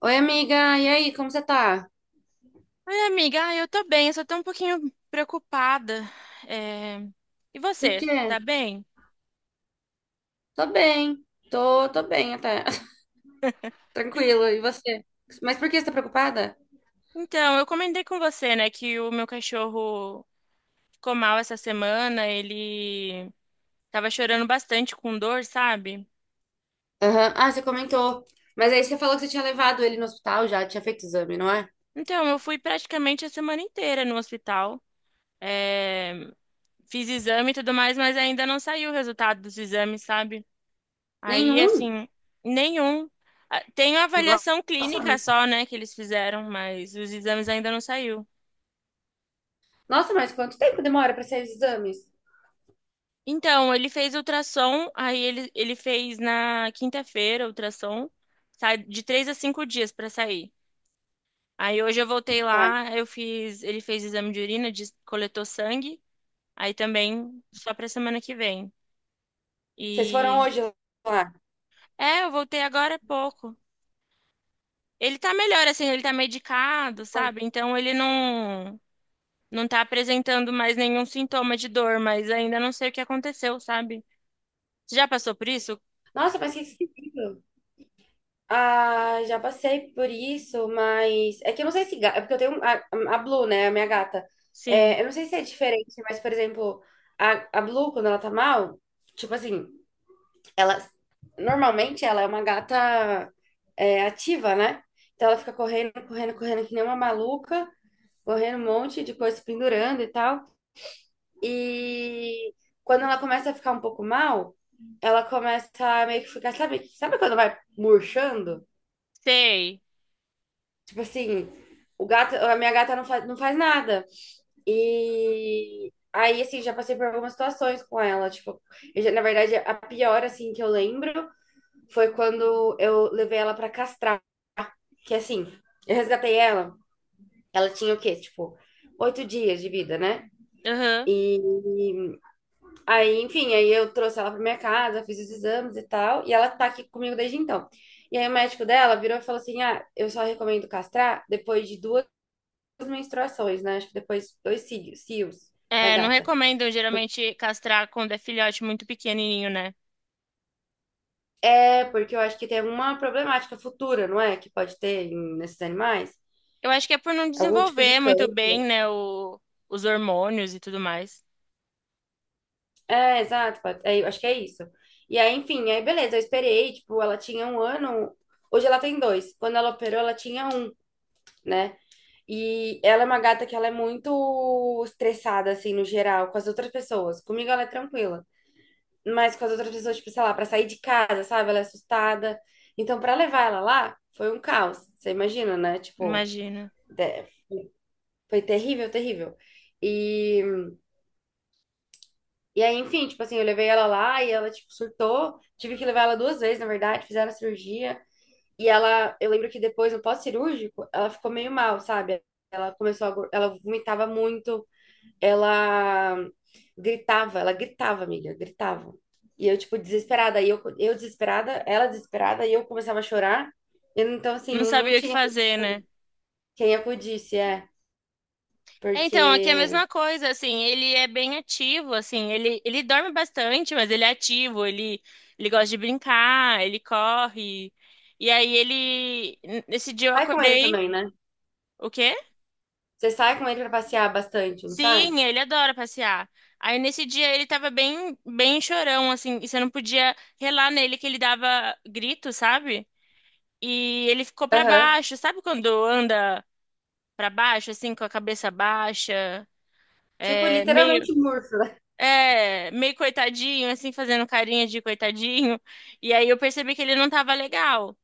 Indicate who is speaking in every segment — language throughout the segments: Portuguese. Speaker 1: Oi, amiga, e aí, como você tá?
Speaker 2: Oi, amiga. Ah, eu tô bem, eu só tô um pouquinho preocupada. É. E
Speaker 1: Por
Speaker 2: você, tá
Speaker 1: quê?
Speaker 2: bem?
Speaker 1: Tô bem, tô bem até, tranquilo, e você? Mas por que você tá preocupada?
Speaker 2: Então, eu comentei com você, né, que o meu cachorro ficou mal essa semana, ele tava chorando bastante com dor, sabe?
Speaker 1: Aham. Ah, você comentou, mas aí você falou que você tinha levado ele no hospital já, tinha feito exame, não é?
Speaker 2: Então, eu fui praticamente a semana inteira no hospital. É. Fiz exame e tudo mais, mas ainda não saiu o resultado dos exames, sabe? Aí,
Speaker 1: Nenhum?
Speaker 2: assim, nenhum. Ah, tem a avaliação
Speaker 1: Nossa,
Speaker 2: clínica só, né, que eles fizeram, mas os exames ainda não saiu.
Speaker 1: nossa, mas quanto tempo demora pra sair os exames?
Speaker 2: Então, ele fez ultrassom, aí ele fez na quinta-feira ultrassom, sai de três a cinco dias para sair. Aí hoje eu voltei
Speaker 1: Tá,
Speaker 2: lá, eu fiz, ele fez exame de urina, coletou sangue, aí também só pra semana que vem.
Speaker 1: vocês foram
Speaker 2: E
Speaker 1: hoje lá?
Speaker 2: é, eu voltei agora há pouco. Ele tá melhor assim, ele tá medicado, sabe? Então ele não tá apresentando mais nenhum sintoma de dor, mas ainda não sei o que aconteceu, sabe? Você já passou por isso?
Speaker 1: Nossa, mas que esquisito. Ah, já passei por isso, mas é que eu não sei se é porque eu tenho a Blue, né, a minha gata.
Speaker 2: Sim,
Speaker 1: É, eu não sei se é diferente, mas por exemplo, a Blue quando ela tá mal, tipo assim, ela normalmente ela é uma gata é, ativa, né? Então ela fica correndo, correndo, correndo que nem uma maluca, correndo um monte de coisa pendurando e tal. E quando ela começa a ficar um pouco mal, ela começa a meio que ficar, sabe, sabe quando vai murchando?
Speaker 2: sei.
Speaker 1: Tipo assim, o gato, a minha gata não faz nada. E aí, assim, já passei por algumas situações com ela. Tipo, na verdade, a pior, assim, que eu lembro foi quando eu levei ela pra castrar. Que assim, eu resgatei ela. Ela tinha o quê? Tipo, oito dias de vida, né?
Speaker 2: Aham.
Speaker 1: E aí, enfim, aí eu trouxe ela pra minha casa, fiz os exames e tal. E ela tá aqui comigo desde então. E aí o médico dela virou e falou assim: Ah, eu só recomendo castrar depois de duas as menstruações, né? Acho que depois dois cílios, cílios da
Speaker 2: É, não
Speaker 1: gata.
Speaker 2: recomendo
Speaker 1: Por-
Speaker 2: geralmente castrar quando é filhote muito pequenininho, né?
Speaker 1: É, porque eu acho que tem uma problemática futura, não é? Que pode ter nesses animais.
Speaker 2: Eu acho que é por não
Speaker 1: Algum tipo de
Speaker 2: desenvolver muito
Speaker 1: câncer.
Speaker 2: bem, né, os hormônios e tudo mais.
Speaker 1: É, exato. É, eu acho que é isso. E aí, enfim, aí beleza, eu esperei, tipo, ela tinha um ano, hoje ela tem dois. Quando ela operou, ela tinha um, né? E ela é uma gata que ela é muito estressada, assim, no geral, com as outras pessoas. Comigo ela é tranquila. Mas com as outras pessoas, tipo, sei lá, pra sair de casa, sabe? Ela é assustada. Então, pra levar ela lá, foi um caos. Você imagina, né? Tipo,
Speaker 2: Imagina.
Speaker 1: de- foi terrível, terrível. E, e aí, enfim, tipo assim, eu levei ela lá e ela, tipo, surtou. Tive que levar ela duas vezes, na verdade, fizeram a cirurgia. E ela, eu lembro que depois, no pós-cirúrgico, ela ficou meio mal, sabe? Ela começou a, ela vomitava muito. Ela gritava, ela gritava, amiga, gritava. E eu, tipo, desesperada, e eu desesperada, ela desesperada, e eu começava a chorar. E, então, assim,
Speaker 2: Não
Speaker 1: não
Speaker 2: sabia o que
Speaker 1: tinha
Speaker 2: fazer, né?
Speaker 1: quem acudisse, é.
Speaker 2: É. Então, aqui é a
Speaker 1: Porque
Speaker 2: mesma coisa, assim, ele é bem ativo, assim, ele dorme bastante, mas ele é ativo, ele gosta de brincar, ele corre. E aí ele, nesse dia eu
Speaker 1: sai com ele
Speaker 2: acordei,
Speaker 1: também, né?
Speaker 2: o quê?
Speaker 1: Você sai com ele pra passear bastante, não sai?
Speaker 2: Sim, ele adora passear. Aí nesse dia ele tava bem chorão, assim, e você não podia relar nele que ele dava grito, sabe? E ele ficou pra
Speaker 1: Aham.
Speaker 2: baixo, sabe quando anda pra baixo, assim, com a cabeça baixa,
Speaker 1: Tipo,
Speaker 2: é, meio,
Speaker 1: literalmente murcho.
Speaker 2: é, meio coitadinho, assim, fazendo carinha de coitadinho. E aí eu percebi que ele não tava legal,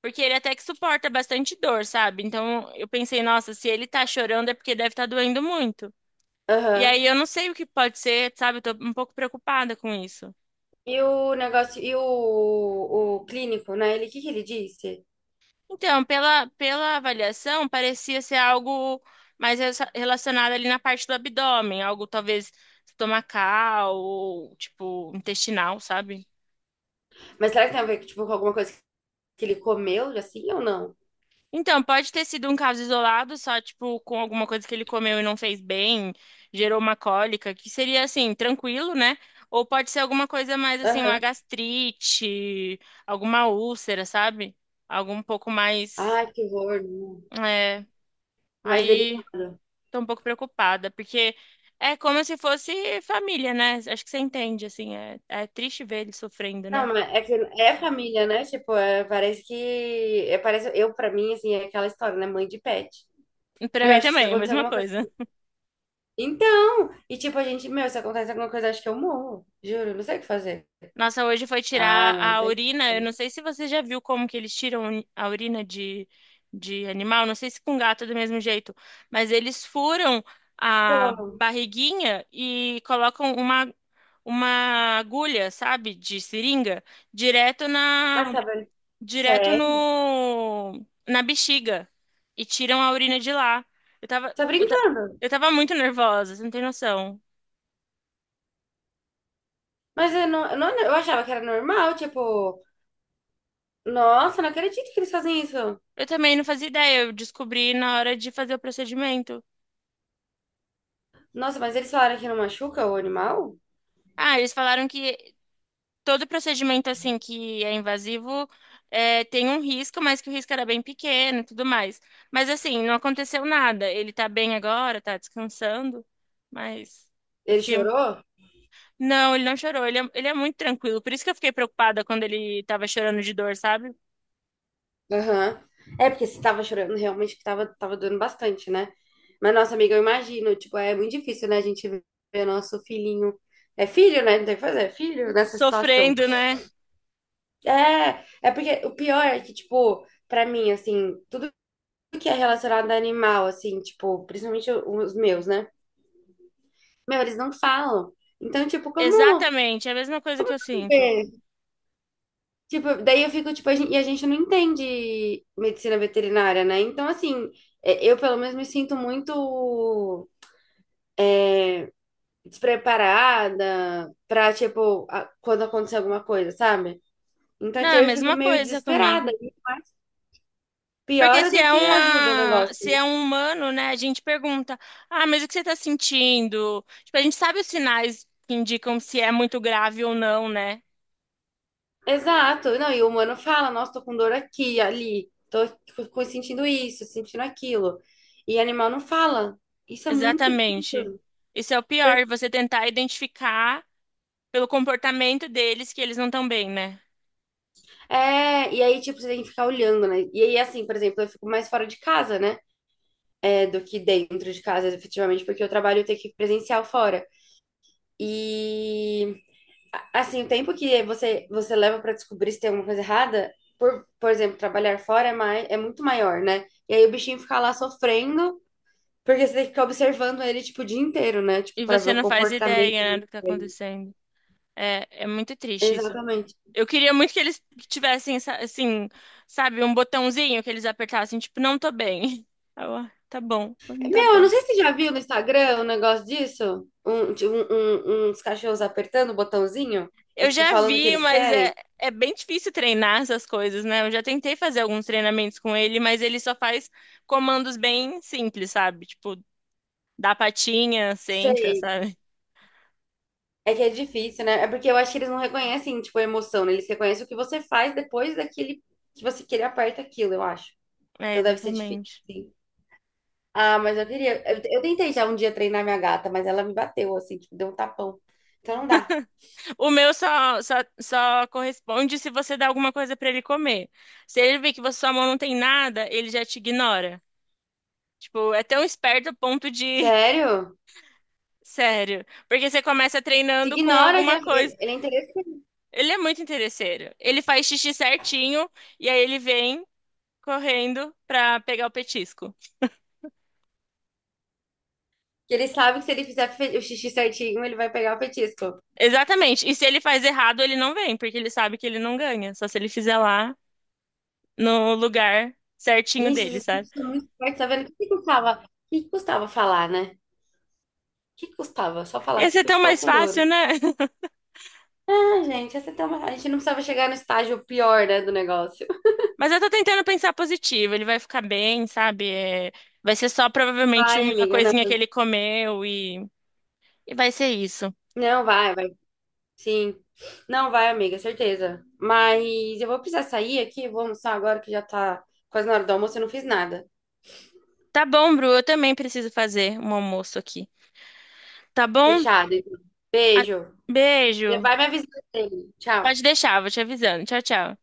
Speaker 2: porque ele até que suporta bastante dor, sabe? Então eu pensei, nossa, se ele tá chorando é porque deve estar tá doendo muito. E
Speaker 1: Aham.
Speaker 2: aí eu não sei o que pode ser, sabe? Eu tô um pouco preocupada com isso.
Speaker 1: E o negócio, o clínico, né? Ele, o que que ele disse?
Speaker 2: Então, pela avaliação, parecia ser algo mais relacionado ali na parte do abdômen, algo talvez estomacal ou tipo intestinal, sabe?
Speaker 1: Mas será que tem a ver, tipo, com alguma coisa que ele comeu, assim, ou não?
Speaker 2: Então, pode ter sido um caso isolado, só tipo com alguma coisa que ele comeu e não fez bem, gerou uma cólica, que seria assim, tranquilo, né? Ou pode ser alguma coisa mais assim, uma
Speaker 1: Aham.
Speaker 2: gastrite, alguma úlcera, sabe? Algo um pouco mais.
Speaker 1: Ai, que horror. Né?
Speaker 2: É,
Speaker 1: Mais
Speaker 2: aí
Speaker 1: delicado.
Speaker 2: tô um pouco preocupada, porque é como se fosse família, né? Acho que você entende, assim, é, é triste ver ele sofrendo,
Speaker 1: Não,
Speaker 2: né?
Speaker 1: mas é que é família, né? Tipo, é, parece que. É, parece, eu, pra mim, assim, é aquela história, né? Mãe de pet.
Speaker 2: Pra
Speaker 1: Meu,
Speaker 2: mim
Speaker 1: acho que se
Speaker 2: também, é a
Speaker 1: acontecer
Speaker 2: mesma
Speaker 1: alguma coisa.
Speaker 2: coisa.
Speaker 1: Então! E tipo, a gente, meu, se acontece alguma coisa, acho que eu morro. Juro, não sei o que fazer.
Speaker 2: Nossa, hoje foi
Speaker 1: Ah,
Speaker 2: tirar
Speaker 1: não
Speaker 2: a
Speaker 1: tem.
Speaker 2: urina, eu não sei se você já viu como que eles tiram a urina de animal, não sei se com gato é do mesmo jeito, mas eles furam a
Speaker 1: Como?
Speaker 2: barriguinha e colocam uma agulha, sabe, de seringa, direto
Speaker 1: Ah,
Speaker 2: na,
Speaker 1: sabe?
Speaker 2: direto
Speaker 1: Sério?
Speaker 2: no na bexiga e tiram a urina de lá. Eu tava,
Speaker 1: Tá
Speaker 2: eu, ta-
Speaker 1: brincando?
Speaker 2: eu tava muito nervosa, você não tem noção.
Speaker 1: Mas eu não, eu achava que era normal, tipo, nossa, não acredito que eles fazem isso.
Speaker 2: Eu também não fazia ideia, eu descobri na hora de fazer o procedimento.
Speaker 1: Nossa, mas eles falaram que não machuca o animal?
Speaker 2: Ah, eles falaram que todo procedimento assim que é invasivo é, tem um risco, mas que o risco era bem pequeno e tudo mais. Mas assim, não aconteceu nada. Ele tá bem agora, tá descansando, mas eu
Speaker 1: Ele
Speaker 2: fiquei
Speaker 1: chorou?
Speaker 2: não, ele não chorou. Ele é muito tranquilo. Por isso que eu fiquei preocupada quando ele tava chorando de dor, sabe?
Speaker 1: Aham. É, porque você tava chorando, realmente que tava, tava doendo bastante, né? Mas, nossa, amiga, eu imagino, tipo, é muito difícil, né? A gente ver nosso filhinho. É filho, né? Não tem o que fazer, é filho nessa situação.
Speaker 2: Sofrendo, né?
Speaker 1: É, é porque o pior é que, tipo, pra mim, assim, tudo que é relacionado a animal, assim, tipo, principalmente os meus, né? Meu, eles não falam. Então, tipo,
Speaker 2: Exatamente. É a mesma coisa
Speaker 1: como
Speaker 2: que
Speaker 1: eu
Speaker 2: eu
Speaker 1: vou
Speaker 2: sinto.
Speaker 1: saber? Tipo, daí eu fico, tipo, a gente, e a gente não entende medicina veterinária, né? Então, assim, é, eu pelo menos me sinto muito despreparada pra, tipo, quando acontecer alguma coisa, sabe? Então,
Speaker 2: Não,
Speaker 1: tipo,
Speaker 2: é a
Speaker 1: eu fico
Speaker 2: mesma
Speaker 1: meio
Speaker 2: coisa
Speaker 1: desesperada.
Speaker 2: comigo.
Speaker 1: E
Speaker 2: Porque
Speaker 1: piora do que ajuda o negócio.
Speaker 2: se
Speaker 1: Né?
Speaker 2: é um humano, né, a gente pergunta: "Ah, mas o que você tá sentindo?" Tipo, a gente sabe os sinais que indicam se é muito grave ou não, né?
Speaker 1: Exato. Não, e o humano fala, nossa, tô com dor aqui, ali, tô sentindo isso, sentindo aquilo. E animal não fala. Isso é muito
Speaker 2: Exatamente.
Speaker 1: difícil.
Speaker 2: Isso é o pior, você tentar identificar pelo comportamento deles que eles não estão bem, né?
Speaker 1: É, e aí, tipo, você tem que ficar olhando, né? E aí, assim, por exemplo, eu fico mais fora de casa, né? É, do que dentro de casa, efetivamente, porque eu trabalho eu tenho que ir presencial fora. E, assim, o tempo que você, você leva pra descobrir se tem alguma coisa errada, por exemplo, trabalhar fora é, mais, é muito maior, né? E aí o bichinho fica lá sofrendo, porque você tem que ficar observando ele, tipo, o dia inteiro, né? Tipo,
Speaker 2: E
Speaker 1: pra ver
Speaker 2: você
Speaker 1: o
Speaker 2: não faz
Speaker 1: comportamento
Speaker 2: ideia, né, do que tá
Speaker 1: dele.
Speaker 2: acontecendo. É, é muito triste isso.
Speaker 1: Exatamente.
Speaker 2: Eu queria muito que eles tivessem, assim, sabe, um botãozinho que eles apertassem, tipo, não tô bem. Eu, "Ah, tá bom, não tá
Speaker 1: Meu, eu não
Speaker 2: bem."
Speaker 1: sei se você já viu no Instagram um negócio disso. Um, uns cachorros apertando o botãozinho e,
Speaker 2: Eu
Speaker 1: tipo,
Speaker 2: já
Speaker 1: falando o que
Speaker 2: vi,
Speaker 1: eles
Speaker 2: mas é,
Speaker 1: querem.
Speaker 2: é bem difícil treinar essas coisas, né? Eu já tentei fazer alguns treinamentos com ele, mas ele só faz comandos bem simples, sabe? Tipo, dá patinha, senta,
Speaker 1: Sei.
Speaker 2: sabe?
Speaker 1: É que é difícil, né? É porque eu acho que eles não reconhecem, tipo, a emoção, né? Eles reconhecem o que você faz depois daquele que você que ele aperta aquilo, eu acho.
Speaker 2: É,
Speaker 1: Então deve ser difícil,
Speaker 2: exatamente.
Speaker 1: sim. Ah, mas eu queria. Eu tentei já um dia treinar minha gata, mas ela me bateu, assim, tipo, deu um tapão. Então não dá.
Speaker 2: O meu só corresponde se você dá alguma coisa pra ele comer. Se ele vê que sua mão não tem nada, ele já te ignora. Tipo, é tão esperto a ponto de.
Speaker 1: Sério?
Speaker 2: Sério. Porque você começa
Speaker 1: Te
Speaker 2: treinando com
Speaker 1: ignora que
Speaker 2: alguma coisa.
Speaker 1: ele é interessante.
Speaker 2: Ele é muito interesseiro. Ele faz xixi certinho e aí ele vem correndo pra pegar o petisco.
Speaker 1: Que ele sabe que se ele fizer o xixi certinho, ele vai pegar o petisco.
Speaker 2: Exatamente. E se ele faz errado, ele não vem, porque ele sabe que ele não ganha. Só se ele fizer lá no lugar certinho
Speaker 1: Gente,
Speaker 2: dele,
Speaker 1: esses
Speaker 2: sabe?
Speaker 1: bichos são muito fortes, tá vendo? O que que custava? O que que custava falar, né? O que que custava? Só falar,
Speaker 2: Ia ser
Speaker 1: tipo,
Speaker 2: tão
Speaker 1: estou
Speaker 2: mais
Speaker 1: com
Speaker 2: fácil,
Speaker 1: dor.
Speaker 2: né?
Speaker 1: Ah, gente, essa tem uma... a gente não precisava chegar no estágio pior, né, do negócio.
Speaker 2: Mas eu tô tentando pensar positivo. Ele vai ficar bem, sabe? É, vai ser só provavelmente
Speaker 1: Vai,
Speaker 2: uma
Speaker 1: amiga,
Speaker 2: coisinha que
Speaker 1: não.
Speaker 2: ele comeu e vai ser isso.
Speaker 1: Não, vai, vai. Sim. Não vai, amiga, certeza. Mas eu vou precisar sair aqui, vou almoçar agora que já tá quase na hora do almoço, eu não fiz nada.
Speaker 2: Tá bom, Bru, eu também preciso fazer um almoço aqui. Tá bom?
Speaker 1: Fechado. Então.
Speaker 2: A-
Speaker 1: Beijo.
Speaker 2: beijo.
Speaker 1: Vai me avisando dele. Tchau.
Speaker 2: Pode deixar, vou te avisando. Tchau, tchau.